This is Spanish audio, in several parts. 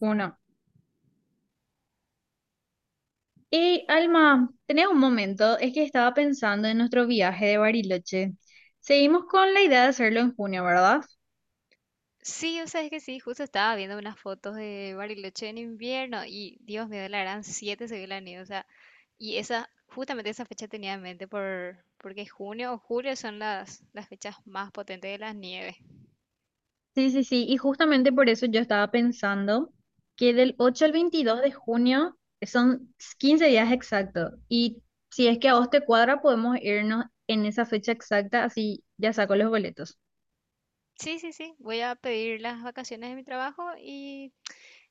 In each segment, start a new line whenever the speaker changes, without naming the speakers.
Uno. Y Alma, tenés un momento, es que estaba pensando en nuestro viaje de Bariloche. Seguimos con la idea de hacerlo en junio, ¿verdad?
Sí, o sea, es que sí, justo estaba viendo unas fotos de Bariloche en invierno y Dios mío, la gran 7 se vio la nieve, o sea, y esa, justamente esa fecha tenía en mente porque junio o julio son las fechas más potentes de las nieves.
Sí, sí, sí, y justamente por eso yo estaba pensando que del 8 al 22 de junio son 15 días exactos. Y si es que a vos te cuadra, podemos irnos en esa fecha exacta, así ya saco los boletos.
Sí, sí, sí, voy a pedir las vacaciones de mi trabajo y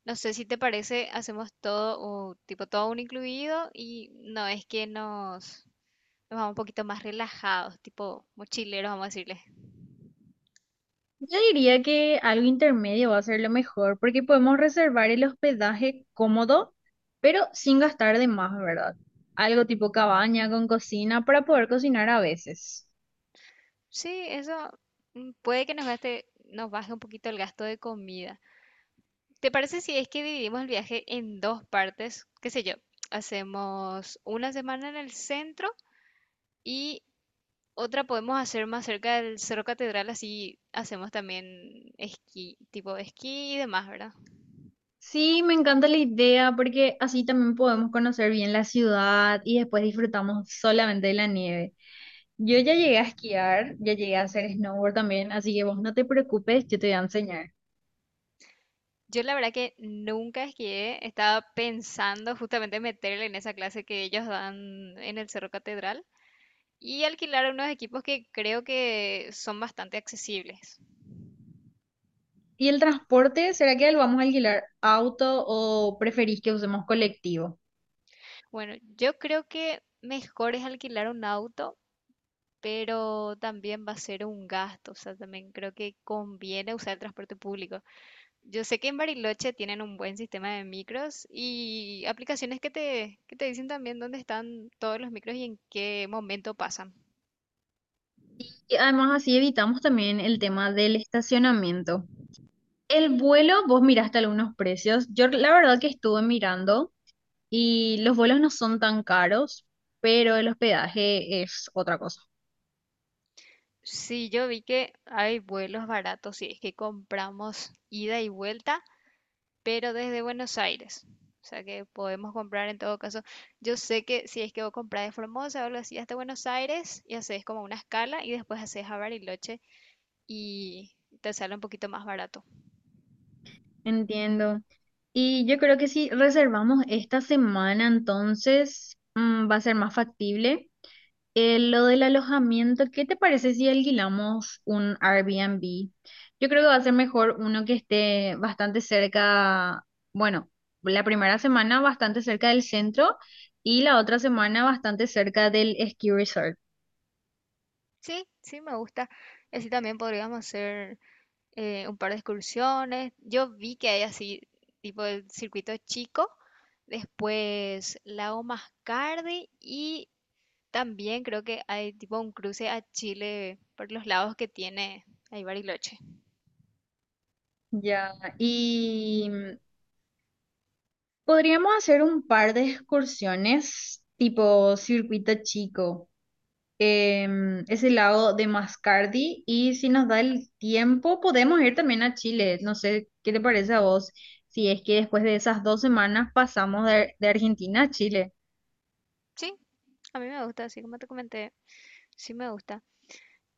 no sé si te parece, hacemos todo, o tipo todo un incluido y no es que nos vamos un poquito más relajados, tipo mochileros, vamos a decirle.
Yo diría que algo intermedio va a ser lo mejor, porque podemos reservar el hospedaje cómodo, pero sin gastar de más, ¿verdad? Algo tipo cabaña con cocina para poder cocinar a veces.
Sí, eso puede que nos gaste, nos baje un poquito el gasto de comida. ¿Te parece si es que dividimos el viaje en dos partes? ¿Qué sé yo? Hacemos una semana en el centro y otra podemos hacer más cerca del Cerro Catedral, así hacemos también esquí, tipo esquí y demás, ¿verdad?
Sí, me encanta la idea porque así también podemos conocer bien la ciudad y después disfrutamos solamente de la nieve. Yo ya llegué a esquiar, ya llegué a hacer snowboard también, así que vos no te preocupes, yo te voy a enseñar.
Yo la verdad que nunca esquié, estaba pensando justamente meterle en esa clase que ellos dan en el Cerro Catedral y alquilar unos equipos que creo que son bastante accesibles.
¿Y el transporte? ¿Será que lo vamos a alquilar auto o preferís que usemos colectivo?
Bueno, yo creo que mejor es alquilar un auto, pero también va a ser un gasto. O sea, también creo que conviene usar el transporte público. Yo sé que en Bariloche tienen un buen sistema de micros y aplicaciones que te dicen también dónde están todos los micros y en qué momento pasan.
Y además así evitamos también el tema del estacionamiento. El vuelo, vos miraste algunos precios. Yo la verdad que estuve mirando y los vuelos no son tan caros, pero el hospedaje es otra cosa.
Sí, yo vi que hay vuelos baratos si es que compramos ida y vuelta pero desde Buenos Aires. O sea que podemos comprar en todo caso. Yo sé que si es que vos comprás de Formosa o algo así hasta Buenos Aires y haces como una escala y después haces a Bariloche y te sale un poquito más barato.
Entiendo. Y yo creo que si reservamos esta semana, entonces va a ser más factible. Lo del alojamiento, ¿qué te parece si alquilamos un Airbnb? Yo creo que va a ser mejor uno que esté bastante cerca, bueno, la primera semana bastante cerca del centro y la otra semana bastante cerca del ski resort.
Sí, sí, me gusta. Y así también podríamos hacer un par de excursiones. Yo vi que hay así, tipo el circuito chico, después Lago Mascardi y también creo que hay tipo un cruce a Chile por los lados que tiene ahí Bariloche.
Ya, y podríamos hacer un par de excursiones tipo circuito chico. Ese lado de Mascardi y si nos da el tiempo podemos ir también a Chile. No sé qué te parece a vos, si es que después de esas dos semanas pasamos de Argentina a Chile.
Sí, a mí me gusta, así como te comenté, sí me gusta.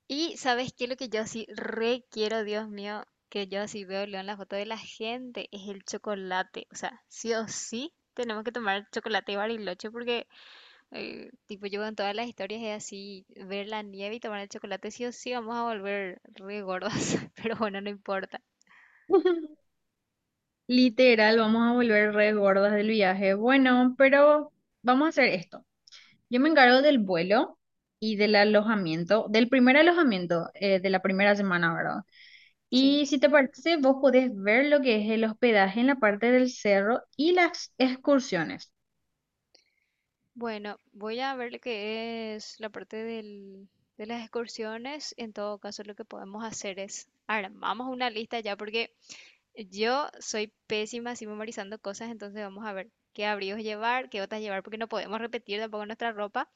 Y ¿sabes qué? Lo que yo así re quiero, Dios mío, que yo así veo León la foto de la gente, es el chocolate. O sea, sí o sí tenemos que tomar chocolate y Bariloche porque tipo yo en todas las historias es así, ver la nieve y tomar el chocolate, sí o sí vamos a volver re gordas, pero bueno, no importa.
Literal, vamos a volver re gordas del viaje. Bueno, pero vamos a hacer esto. Yo me encargo del vuelo y del alojamiento, del primer alojamiento de la primera semana, ¿verdad?
Sí.
Y si te parece, vos podés ver lo que es el hospedaje en la parte del cerro y las excursiones.
Bueno, voy a ver lo que es la parte de las excursiones. En todo caso, lo que podemos hacer es armamos una lista ya, porque yo soy pésima así memorizando cosas, entonces vamos a ver qué abrigos llevar, qué botas llevar, porque no podemos repetir tampoco nuestra ropa.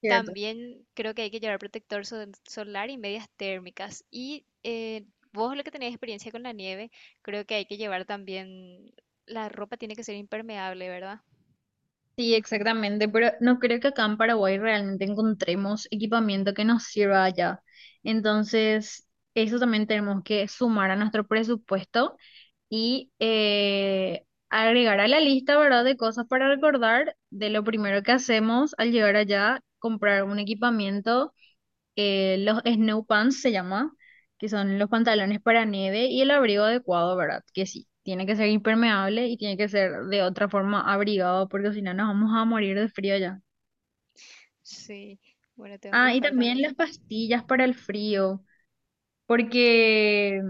Cierto.
También creo que hay que llevar protector solar y medias térmicas. Y vos, lo que tenés experiencia con la nieve, creo que hay que llevar también, la ropa tiene que ser impermeable, ¿verdad?
Sí, exactamente, pero no creo que acá en Paraguay realmente encontremos equipamiento que nos sirva allá. Entonces, eso también tenemos que sumar a nuestro presupuesto y agregar a la lista, ¿verdad?, de cosas para recordar de lo primero que hacemos al llegar allá, comprar un equipamiento los snow pants se llama, que son los pantalones para nieve y el abrigo adecuado, ¿verdad? Que sí, tiene que ser impermeable y tiene que ser de otra forma abrigado porque si no nos vamos a morir de frío ya.
Sí. Bueno, tengo que
Ah, y
buscar también.
también las pastillas para el frío, porque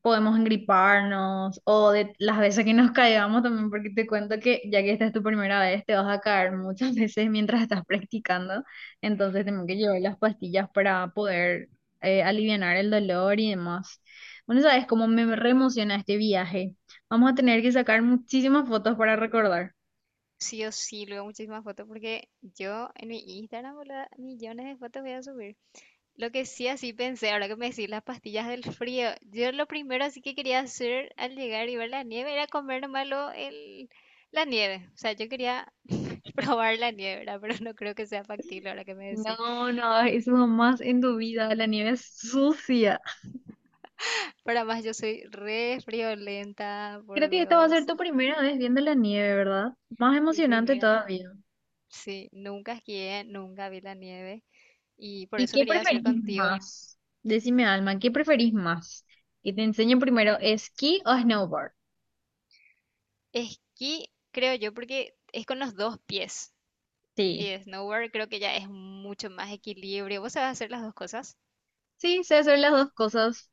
podemos engriparnos o de las veces que nos caigamos también, porque te cuento que ya que esta es tu primera vez, te vas a caer muchas veces mientras estás practicando, entonces tengo que llevar las pastillas para poder alivianar el dolor y demás. Bueno, sabes cómo me reemociona este viaje. Vamos a tener que sacar muchísimas fotos para recordar.
Sí o sí, luego muchísimas fotos porque yo en mi Instagram, boluda, millones de fotos voy a subir. Lo que sí así pensé, ahora que me decís las pastillas del frío, yo lo primero así que quería hacer al llegar y ver la nieve era comer nomás la nieve. O sea, yo quería probar la nieve, ¿verdad? Pero no creo que sea factible ahora que me decís.
No, no, eso jamás en tu vida, la nieve es sucia.
Para más, yo soy re friolenta,
Creo
por
que esta va a ser
Dios.
tu primera vez viendo la nieve, ¿verdad? Más
Mi
emocionante
primera.
todavía.
Sí, nunca esquié, nunca vi la nieve. Y por
¿Y
eso
qué
quería hacer
preferís
contigo.
más? Decime, Alma, ¿qué preferís más? ¿Que te enseñen primero esquí o snowboard?
Esquí, creo yo, porque es con los dos pies.
Sí,
Y snowboard creo que ya es mucho más equilibrio. ¿Vos sabés hacer las dos cosas?
sí, sé hacer las dos cosas.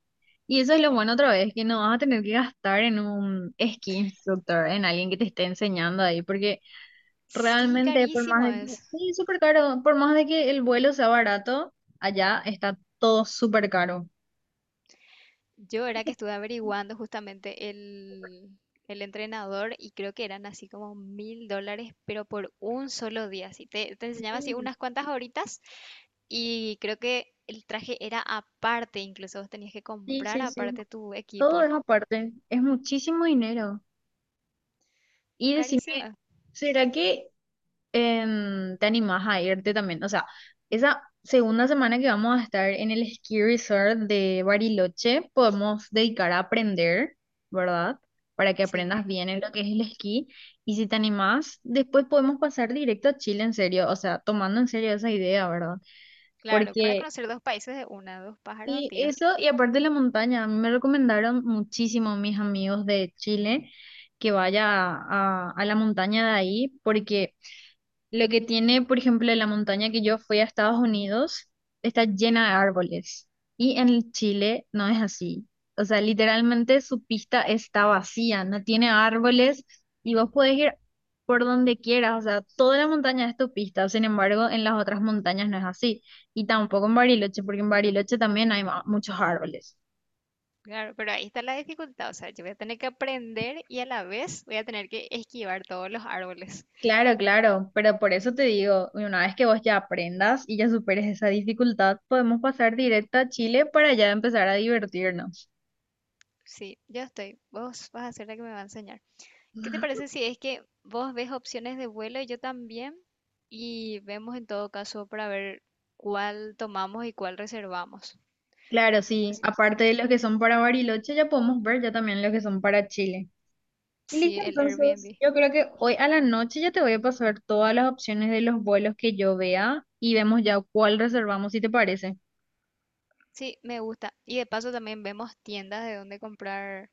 Y eso es lo bueno otra vez, que no vas a tener que gastar en un esquí instructor, en alguien que te esté enseñando ahí, porque
Sí,
realmente por más
carísimo
de que,
es.
sí, es súper caro, por más de que el vuelo sea barato, allá está todo súper caro.
Yo era que estuve averiguando justamente el entrenador y creo que eran así como $1,000, pero por un solo día. Así te enseñaba así
Sí,
unas cuantas horitas y creo que el traje era aparte, incluso vos tenías que
sí,
comprar
sí, sí.
aparte tu
Todo es
equipo.
aparte, es muchísimo dinero. Y decime,
Carísimo.
¿será que te animás a irte también? O sea, esa segunda semana que vamos a estar en el ski resort de Bariloche, podemos dedicar a aprender, ¿verdad? Para que
Sí,
aprendas bien en lo que es el esquí. Y si te animás, después podemos pasar directo a Chile, en serio. O sea, tomando en serio esa idea, ¿verdad?
claro, para
Porque...
conocer dos países de una, dos pájaros de un
Sí,
tiro.
eso, y aparte de la montaña, a mí me recomendaron muchísimo mis amigos de Chile que vaya a la montaña de ahí, porque lo que tiene, por ejemplo, la montaña que yo fui a Estados Unidos está llena de árboles. Y en Chile no es así. O sea, literalmente su pista está vacía, no tiene árboles y vos podés ir por donde quieras. O sea, toda la montaña es tu pista. Sin embargo, en las otras montañas no es así. Y tampoco en Bariloche, porque en Bariloche también hay muchos árboles.
Claro, pero ahí está la dificultad, o sea, yo voy a tener que aprender y a la vez voy a tener que esquivar todos los árboles.
Claro, claro, pero por eso te digo, una vez que vos ya aprendas y ya superes esa dificultad, podemos pasar directo a Chile para ya empezar a divertirnos.
Sí, yo estoy. Vos vas a ser la que me va a enseñar. ¿Qué te parece si es que vos ves opciones de vuelo y yo también? Y vemos en todo caso para ver cuál tomamos y cuál reservamos.
Claro, sí,
Así-
aparte de los que son para Bariloche, ya podemos ver ya también los que son para Chile. Y listo,
sí, el
entonces,
Airbnb.
yo creo que hoy a la noche ya te voy a pasar todas las opciones de los vuelos que yo vea y vemos ya cuál reservamos, si te parece.
Sí, me gusta. Y de paso también vemos tiendas de dónde comprar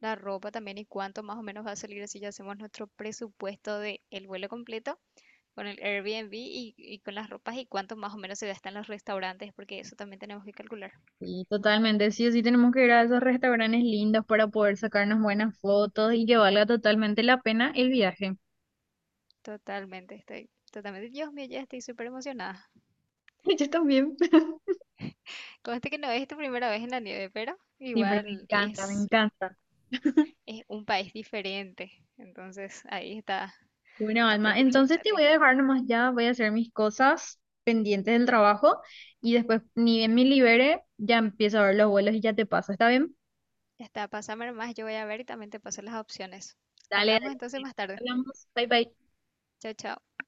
la ropa también y cuánto más o menos va a salir así ya hacemos nuestro presupuesto de el vuelo completo con el Airbnb y con las ropas y cuánto más o menos se gasta en los restaurantes, porque eso también tenemos que calcular.
Sí, totalmente, sí o sí tenemos que ir a esos restaurantes lindos para poder sacarnos buenas fotos y que valga totalmente la pena el viaje.
Totalmente, estoy totalmente. Dios mío, ya estoy súper emocionada.
Yo también.
Conste que no es tu primera vez en la nieve, pero
Sí, pero me
igual
encanta, me encanta.
es un país diferente. Entonces ahí está,
Bueno, Alma,
aparte el
entonces te
chocolate.
voy a dejar nomás ya, voy a hacer mis cosas pendientes del trabajo y después, ni bien me libere, ya empiezo a ver los vuelos y ya te paso, ¿está bien?
Ya está, pásame más, yo voy a ver y también te paso las opciones.
Dale,
Hablamos entonces
dale.
más tarde.
Hablamos. Bye, bye.
Chao, chao.